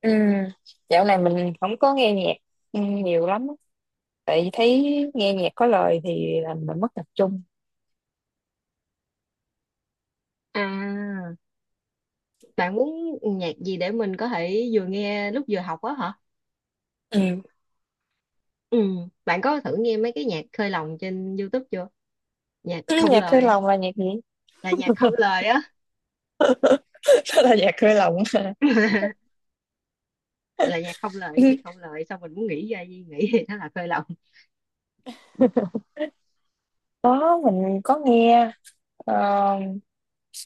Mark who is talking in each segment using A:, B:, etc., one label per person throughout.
A: Ừ, dạo này mình không có nghe nhạc nhiều lắm á. Tại vì thấy nghe nhạc có lời thì làm mình mất tập trung
B: À, bạn muốn nhạc gì để mình có thể vừa nghe lúc vừa học á hả?
A: ừ.
B: Ừ, bạn có thử nghe mấy cái nhạc khơi lòng trên YouTube chưa? Nhạc
A: Ừ,
B: không
A: nhạc hơi
B: lời,
A: lòng là nhạc gì?
B: là nhạc không lời á.
A: Đó là nhạc hơi lòng hả?
B: Là nhạc không lời thì không lời, xong mình muốn nghĩ ra gì nghĩ thì nó là khơi lòng.
A: Đó mình có nghe, ờ,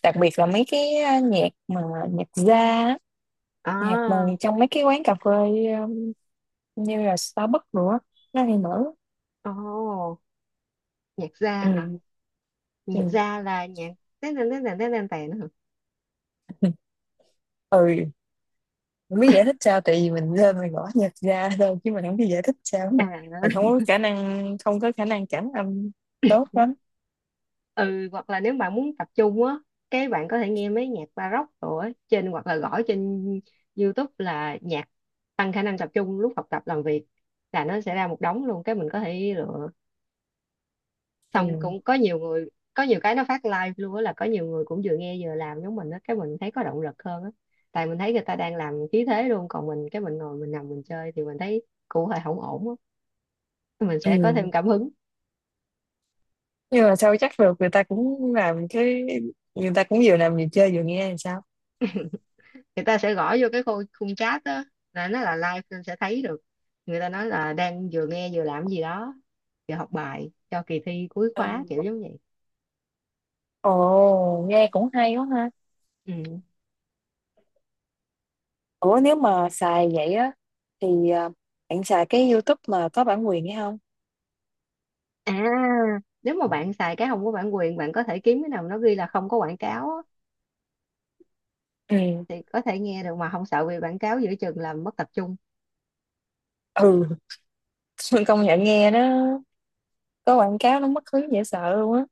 A: đặc biệt là mấy cái nhạc mà nhạc jazz á, nhạc mà
B: À,
A: trong mấy cái quán cà phê, ờ, như là Starbucks nữa nó hay mở.
B: ồ, nhạc ra hả?
A: Ừ.
B: Nhạc
A: Ừ.
B: ra là nhạc tèn tèn tèn tèn tèn tèn tèn hả?
A: ừ Không biết giải thích sao, tại vì mình lên mình gõ nhạc ra thôi chứ mình không biết giải thích sao,
B: À,
A: mình không có khả năng cảm âm tốt lắm
B: ừ, hoặc là nếu bạn muốn tập trung á, cái bạn có thể nghe mấy nhạc baroque rồi á, trên hoặc là gõ trên YouTube là nhạc tăng khả năng tập trung lúc học tập làm việc, là nó sẽ ra một đống luôn cái mình có thể lựa. Xong
A: ừ.
B: cũng có nhiều người, có nhiều cái nó phát live luôn á, là có nhiều người cũng vừa nghe vừa làm giống mình á, cái mình thấy có động lực hơn á. Tại mình thấy người ta đang làm khí thế luôn, còn mình cái mình ngồi mình nằm mình chơi thì mình thấy cụ hơi không ổn á, mình sẽ có thêm
A: Ừ.
B: cảm hứng.
A: Nhưng mà sao chắc được, người ta cũng làm cái, người ta cũng vừa làm vừa chơi vừa nghe thì sao?
B: Người ta sẽ gõ vô cái khung chat đó, là nó là live nên sẽ thấy được người ta nói là đang vừa nghe vừa làm gì đó, vừa học bài cho kỳ thi cuối khóa
A: Ừ.
B: kiểu giống vậy.
A: Ồ, nghe cũng hay quá ha.
B: Ừ.
A: Ủa nếu mà xài vậy á thì, bạn xài cái YouTube mà có bản quyền hay không?
B: À, nếu mà bạn xài cái không có bản quyền, bạn có thể kiếm cái nào nó ghi là không có quảng cáo á,
A: Ừ.
B: thì có thể nghe được mà không sợ bị quảng cáo giữa chừng làm mất tập trung.
A: Ừ, công nhận nghe nó có quảng cáo nó mất hứng dễ sợ luôn á.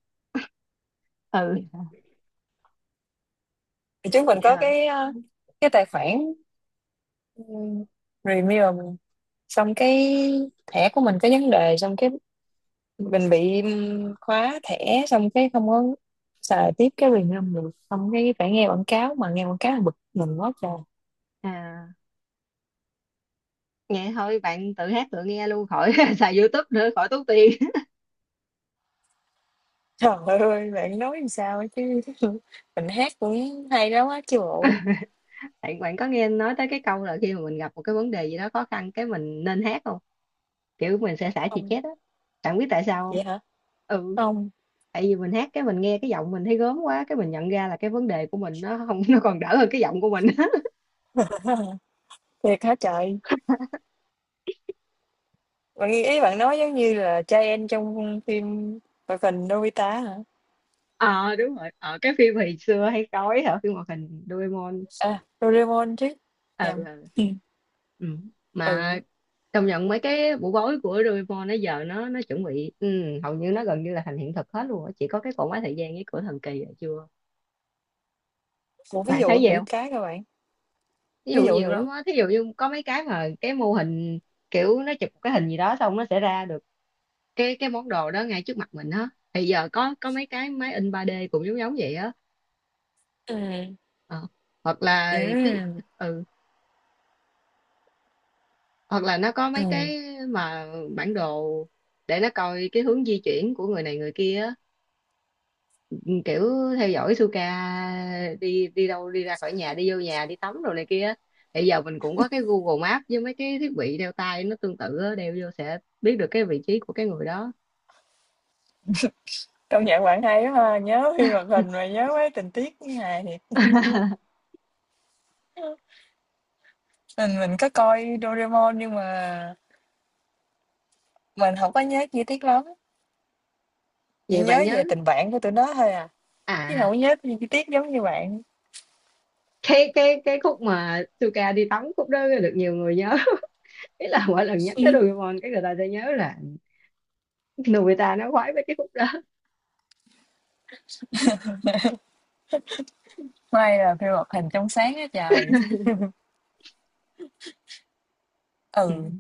B: Ừ,
A: Thì chúng mình có
B: yeah.
A: cái, cái tài khoản. Ừ. Review mình xong cái thẻ của mình có vấn đề, xong cái mình bị khóa thẻ, xong cái không có xài tiếp cái review được, xong cái phải nghe quảng cáo, mà nghe quảng cáo là bực mình quá trời.
B: À, nghe thôi bạn tự hát tự nghe luôn khỏi xài YouTube nữa khỏi tốn tiền.
A: Trời ơi bạn nói làm sao ấy chứ, mình hát cũng hay lắm á chứ bộ.
B: bạn bạn có nghe nói tới cái câu là khi mà mình gặp một cái vấn đề gì đó khó khăn cái mình nên hát không? Kiểu mình sẽ xả chì
A: Không.
B: chét á. Bạn biết tại sao không?
A: Vậy hả?
B: Ừ,
A: Không.
B: tại vì mình hát cái mình nghe cái giọng mình thấy gớm quá, cái mình nhận ra là cái vấn đề của mình nó không, nó còn đỡ hơn cái giọng của mình.
A: Thiệt hả trời. Ý bạn nói giống như là trai trong phim hoạt hình Nobita hả?
B: Ờ, đúng rồi. Ờ, cái phim hồi xưa hay coi hả, phim hoạt hình Doraemon.
A: À Doraemon chứ,
B: Ờ,
A: nhầm.
B: ừ, ừ. Mà
A: Ừ.
B: công nhận mấy cái bộ gối của Doraemon nó giờ nó chuẩn bị, ừ, hầu như nó gần như là thành hiện thực hết luôn á, chỉ có cái cỗ máy thời gian với cửa thần kỳ là chưa.
A: Một ví
B: Bạn thấy
A: dụ
B: vậy,
A: nữ cái các bạn.
B: ví dụ
A: Ví dụ
B: nhiều lắm
A: nữ.
B: á, thí dụ như có mấy cái mà cái mô hình kiểu nó chụp cái hình gì đó xong nó sẽ ra được cái món đồ đó ngay trước mặt mình á, thì giờ có mấy cái máy in 3D cũng giống giống vậy á.
A: Ừ.
B: Ờ. Hoặc là tí,
A: Ừ.
B: ừ, hoặc là nó có
A: Ừ.
B: mấy cái mà bản đồ để nó coi cái hướng di chuyển của người này người kia á, kiểu theo dõi Suka đi đi đâu, đi ra khỏi nhà, đi vô nhà, đi tắm rồi này kia á. Bây giờ mình cũng có cái Google Maps với mấy cái thiết bị đeo tay nó tương tự á, đeo vô sẽ biết được cái vị trí của cái người đó.
A: Công nhận bạn hay quá ha, nhớ phim hoạt hình mà nhớ mấy tình tiết như này thì, mình có coi Doraemon nhưng mà mình không có nhớ chi tiết lắm, chỉ
B: Vậy
A: nhớ
B: bạn nhớ
A: về tình bạn của tụi nó thôi à, chứ không
B: à,
A: có nhớ chi chi tiết giống như bạn.
B: cái khúc mà Suka đi tắm khúc đó được nhiều người nhớ. Ý là mỗi lần nhắc tới
A: Ừ.
B: Doraemon cái người ta sẽ nhớ là Nobita nó khoái với cái khúc đó.
A: May là phim hoạt hình trong sáng á trời.
B: Ừ,
A: Ừ,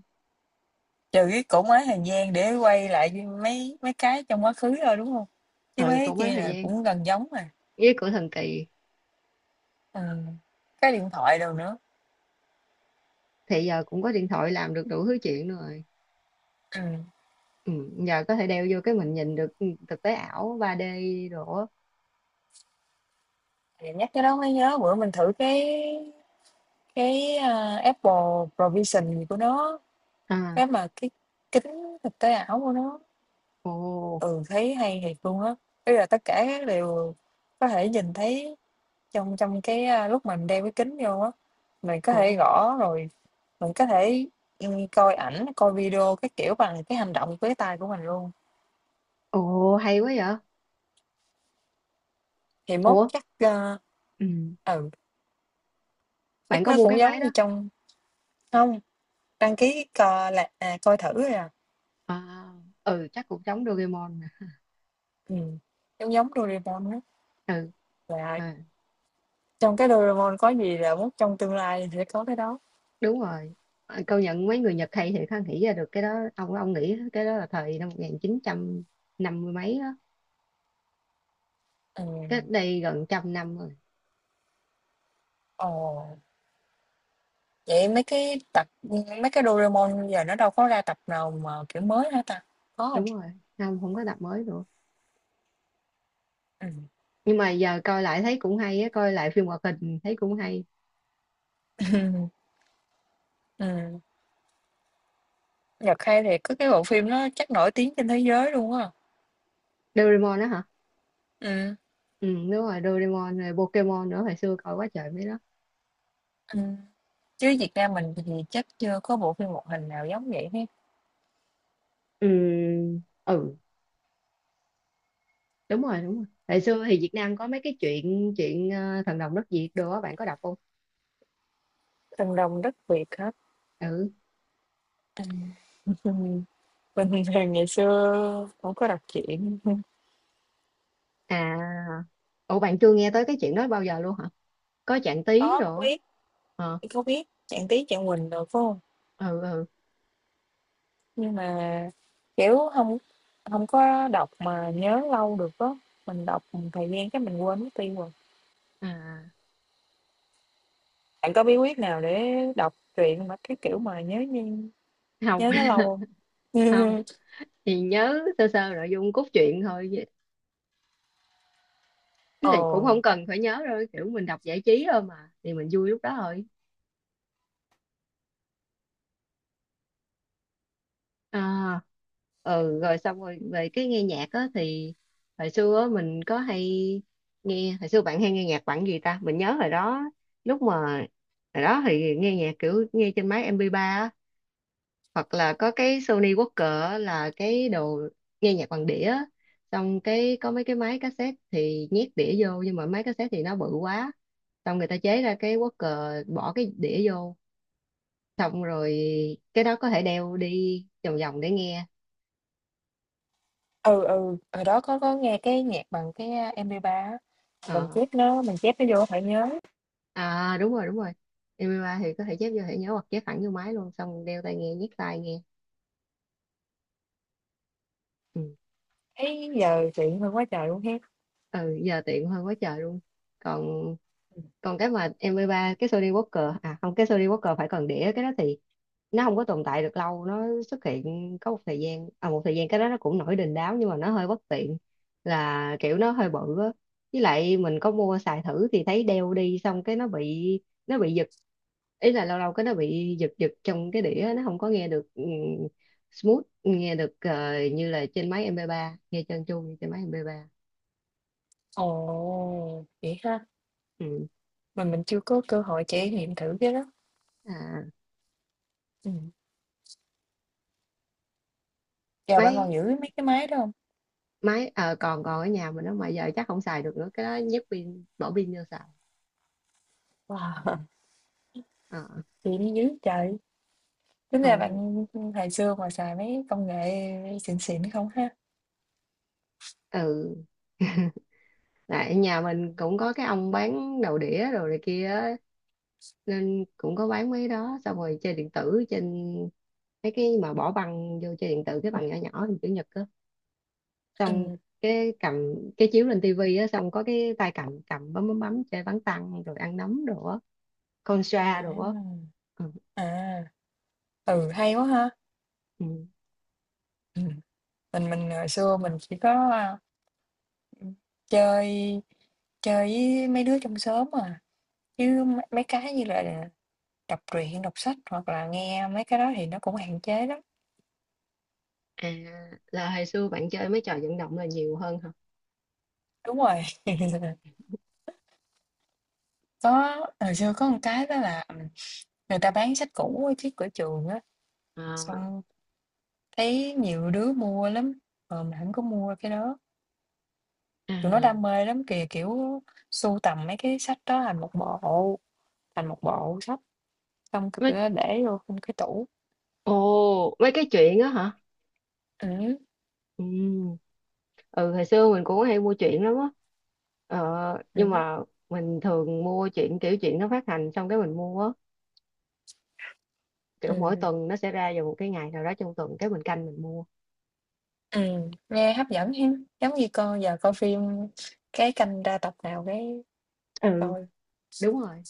A: trừ cái cổ máy thời gian để quay lại với mấy mấy cái trong quá khứ thôi đúng không, chứ mấy
B: ừ,
A: cái
B: cũng có
A: kia
B: thời
A: là
B: gian
A: cũng gần giống mà.
B: với của thần kỳ.
A: Ừ. Cái điện thoại đâu nữa.
B: Thì giờ cũng có điện thoại làm được đủ thứ chuyện rồi.
A: Ừ.
B: Ừ, giờ có thể đeo vô cái mình nhìn được, ừ, thực tế ảo ba d đồ á.
A: Thì nhắc cái đó mới nhớ bữa mình thử cái, Apple Provision gì của nó,
B: À,
A: cái kính thực tế ảo của nó.
B: ồ,
A: Ừ, thấy hay thiệt luôn á. Bây là tất cả các đều có thể nhìn thấy, trong trong cái, lúc mình đeo cái kính vô á, mình có
B: ồ,
A: thể gõ rồi, mình có thể, coi ảnh coi video, cái kiểu bằng cái hành động với tay của mình luôn.
B: ồ, hay quá vậy.
A: Thì mốt
B: Ủa,
A: chắc,
B: ừ,
A: ừ
B: bạn
A: chắc
B: có
A: nó
B: mua cái
A: cũng
B: máy
A: giống
B: đó
A: như trong. Không. Đăng ký coi là, coi thử rồi à.
B: à? Ừ, chắc cũng giống Doraemon nè.
A: Ừm, Giống giống Doraemon á,
B: Ừ,
A: là
B: à,
A: trong cái Doraemon có gì là mốt trong tương lai sẽ có cái đó.
B: đúng rồi. À, công nhận mấy người Nhật hay thì ha, nghĩ ra được cái đó. Ông nghĩ cái đó là thời năm một nghìn chín trăm năm mươi mấy đó, cách
A: Ừm.
B: đây gần trăm năm rồi.
A: Ồ, vậy mấy cái tập, mấy cái Doraemon giờ nó đâu có ra tập nào mà kiểu mới hả ta? Có hông?
B: Đúng rồi, không, không có tập mới nữa,
A: Ừm.
B: nhưng mà giờ coi lại thấy cũng hay á, coi lại phim hoạt hình thấy cũng hay.
A: Ừm, Nhật hay thì có cái bộ phim nó chắc nổi tiếng trên thế giới luôn á.
B: Doraemon đó hả?
A: Ừm.
B: Ừ, đúng rồi, Doraemon rồi Pokemon nữa, hồi xưa coi quá trời mấy đó.
A: Ừm, chứ Việt Nam mình thì chắc chưa có bộ phim hoạt hình nào giống vậy hết.
B: Ừ, ừ, đúng rồi đúng rồi, hồi xưa thì Việt Nam có mấy cái chuyện chuyện ờ, thần đồng đất Việt đồ á, bạn có đọc không?
A: Thần đồng đất Việt hả?
B: Ừ.
A: Ừm. Mình thì ngày xưa cũng có đọc truyện.
B: À, ủa bạn chưa nghe tới cái chuyện đó bao giờ luôn hả? Có Trạng Tí
A: Có
B: rồi.
A: biết.
B: Ờ,
A: Chị có biết Trạng Tí Trạng Quỳnh được phải không?
B: ừ, ừ.
A: Nhưng mà kiểu không, không có đọc mà nhớ lâu được á. Mình đọc một thời gian cái mình quên mất tiêu rồi.
B: À,
A: Bạn có bí quyết nào để đọc truyện mà cái kiểu mà nhớ như,
B: không.
A: nhớ nó lâu không?
B: Không thì nhớ sơ sơ nội dung cốt truyện thôi, chứ là cũng không
A: Ồ.
B: cần phải nhớ đâu, kiểu mình đọc giải trí thôi mà, thì mình vui lúc đó thôi. À, ừ, rồi xong rồi về cái nghe nhạc á thì hồi xưa á, mình có hay nghe, hồi xưa bạn hay nghe nhạc bằng gì ta, mình nhớ hồi đó lúc mà hồi đó thì nghe nhạc kiểu nghe trên máy MP3 á, hoặc là có cái Sony Walkman á, là cái đồ nghe nhạc bằng đĩa á. Xong cái có mấy cái máy cassette thì nhét đĩa vô, nhưng mà máy cassette thì nó bự quá, xong người ta chế ra cái Walkman bỏ cái đĩa vô, xong rồi cái đó có thể đeo đi vòng vòng để nghe.
A: Ừ ừ, hồi đó có nghe cái nhạc bằng cái MP3 á.
B: Ờ.
A: Mình chép nó vô phải nhớ.
B: À, đúng rồi đúng rồi, MP3 thì có thể chép vô thẻ nhớ hoặc chép thẳng vô máy luôn, xong đeo tai nghe, nhét tai nghe. Ừ.
A: Thấy giờ chuyện hơn quá trời luôn ha.
B: Ừ, giờ tiện hơn quá trời luôn. Còn còn cái mà MP3, cái Sony Walker à, không, cái Sony Walker phải còn đĩa, cái đó thì nó không có tồn tại được lâu, nó xuất hiện có một thời gian, à một thời gian cái đó nó cũng nổi đình đám nhưng mà nó hơi bất tiện, là kiểu nó hơi bự á, với lại mình có mua xài thử thì thấy đeo đi xong cái nó bị giật, ý là lâu lâu cái nó bị giật giật trong cái đĩa, nó không có nghe được ừ, smooth, nghe được ờ, như là trên máy mp ba, nghe trơn tru như trên máy MP3.
A: Ồ, vậy ha.
B: Ừ.
A: Mà mình chưa có cơ hội trải nghiệm thử cái đó.
B: À,
A: Ừ. Chà, bạn còn
B: máy
A: giữ mấy cái máy đó hông?
B: máy ờ, còn còn ở nhà mình nó, mà giờ chắc không xài được nữa, cái đó nhét pin, bỏ pin vô xài.
A: Wow,
B: Ờ,
A: vậy mới dữ trời! Tính ra
B: còn
A: bạn, hồi xưa mà xài mấy công nghệ xịn xịn không ha?
B: ừ, tại nhà mình cũng có cái ông bán đầu đĩa đồ này kia á, nên cũng có bán mấy đó, xong rồi chơi điện tử trên mấy cái mà bỏ băng vô chơi điện tử, cái băng nhỏ nhỏ hình chữ nhật á, xong
A: Ừm.
B: cái cầm cái chiếu lên tivi á, xong có cái tay cầm cầm bấm bấm bấm chơi bắn tăng rồi ăn nấm đồ á, con
A: À.
B: xoa đồ á. Ừ.
A: À, ừ, hay quá ha!
B: Ừ.
A: Ừm, mình hồi xưa mình chỉ có, ừm, chơi chơi với mấy đứa trong xóm à, chứ mấy mấy cái như là đọc truyện, đọc sách hoặc là nghe mấy cái đó thì nó cũng hạn chế lắm.
B: À, là hồi xưa bạn chơi mấy trò vận động là nhiều hơn hả?
A: Đúng rồi, có hồi xưa có một cái đó là, người ta bán sách cũ ở trước cửa trường á,
B: À,
A: xong thấy nhiều đứa mua lắm, mình không có mua cái đó. Tụi nó
B: à.
A: đam mê lắm kìa, kiểu, sưu tầm mấy cái sách đó thành một bộ sách, xong c tụi
B: mấy
A: nó để vô trong cái tủ.
B: Ồ, mấy cái chuyện đó hả?
A: Ừm.
B: Ừ. Ừ, hồi xưa mình cũng hay mua truyện lắm á, ờ, nhưng
A: Ừm.
B: mà mình thường mua truyện kiểu truyện nó phát hành xong cái mình mua á, kiểu mỗi
A: Ừm.
B: tuần nó sẽ ra vào một cái ngày nào đó trong tuần cái mình canh mình mua.
A: Ừm, nghe hấp dẫn hen, giống như coi giờ coi phim cái canh ra tập nào cái
B: Ừ,
A: coi.
B: đúng rồi.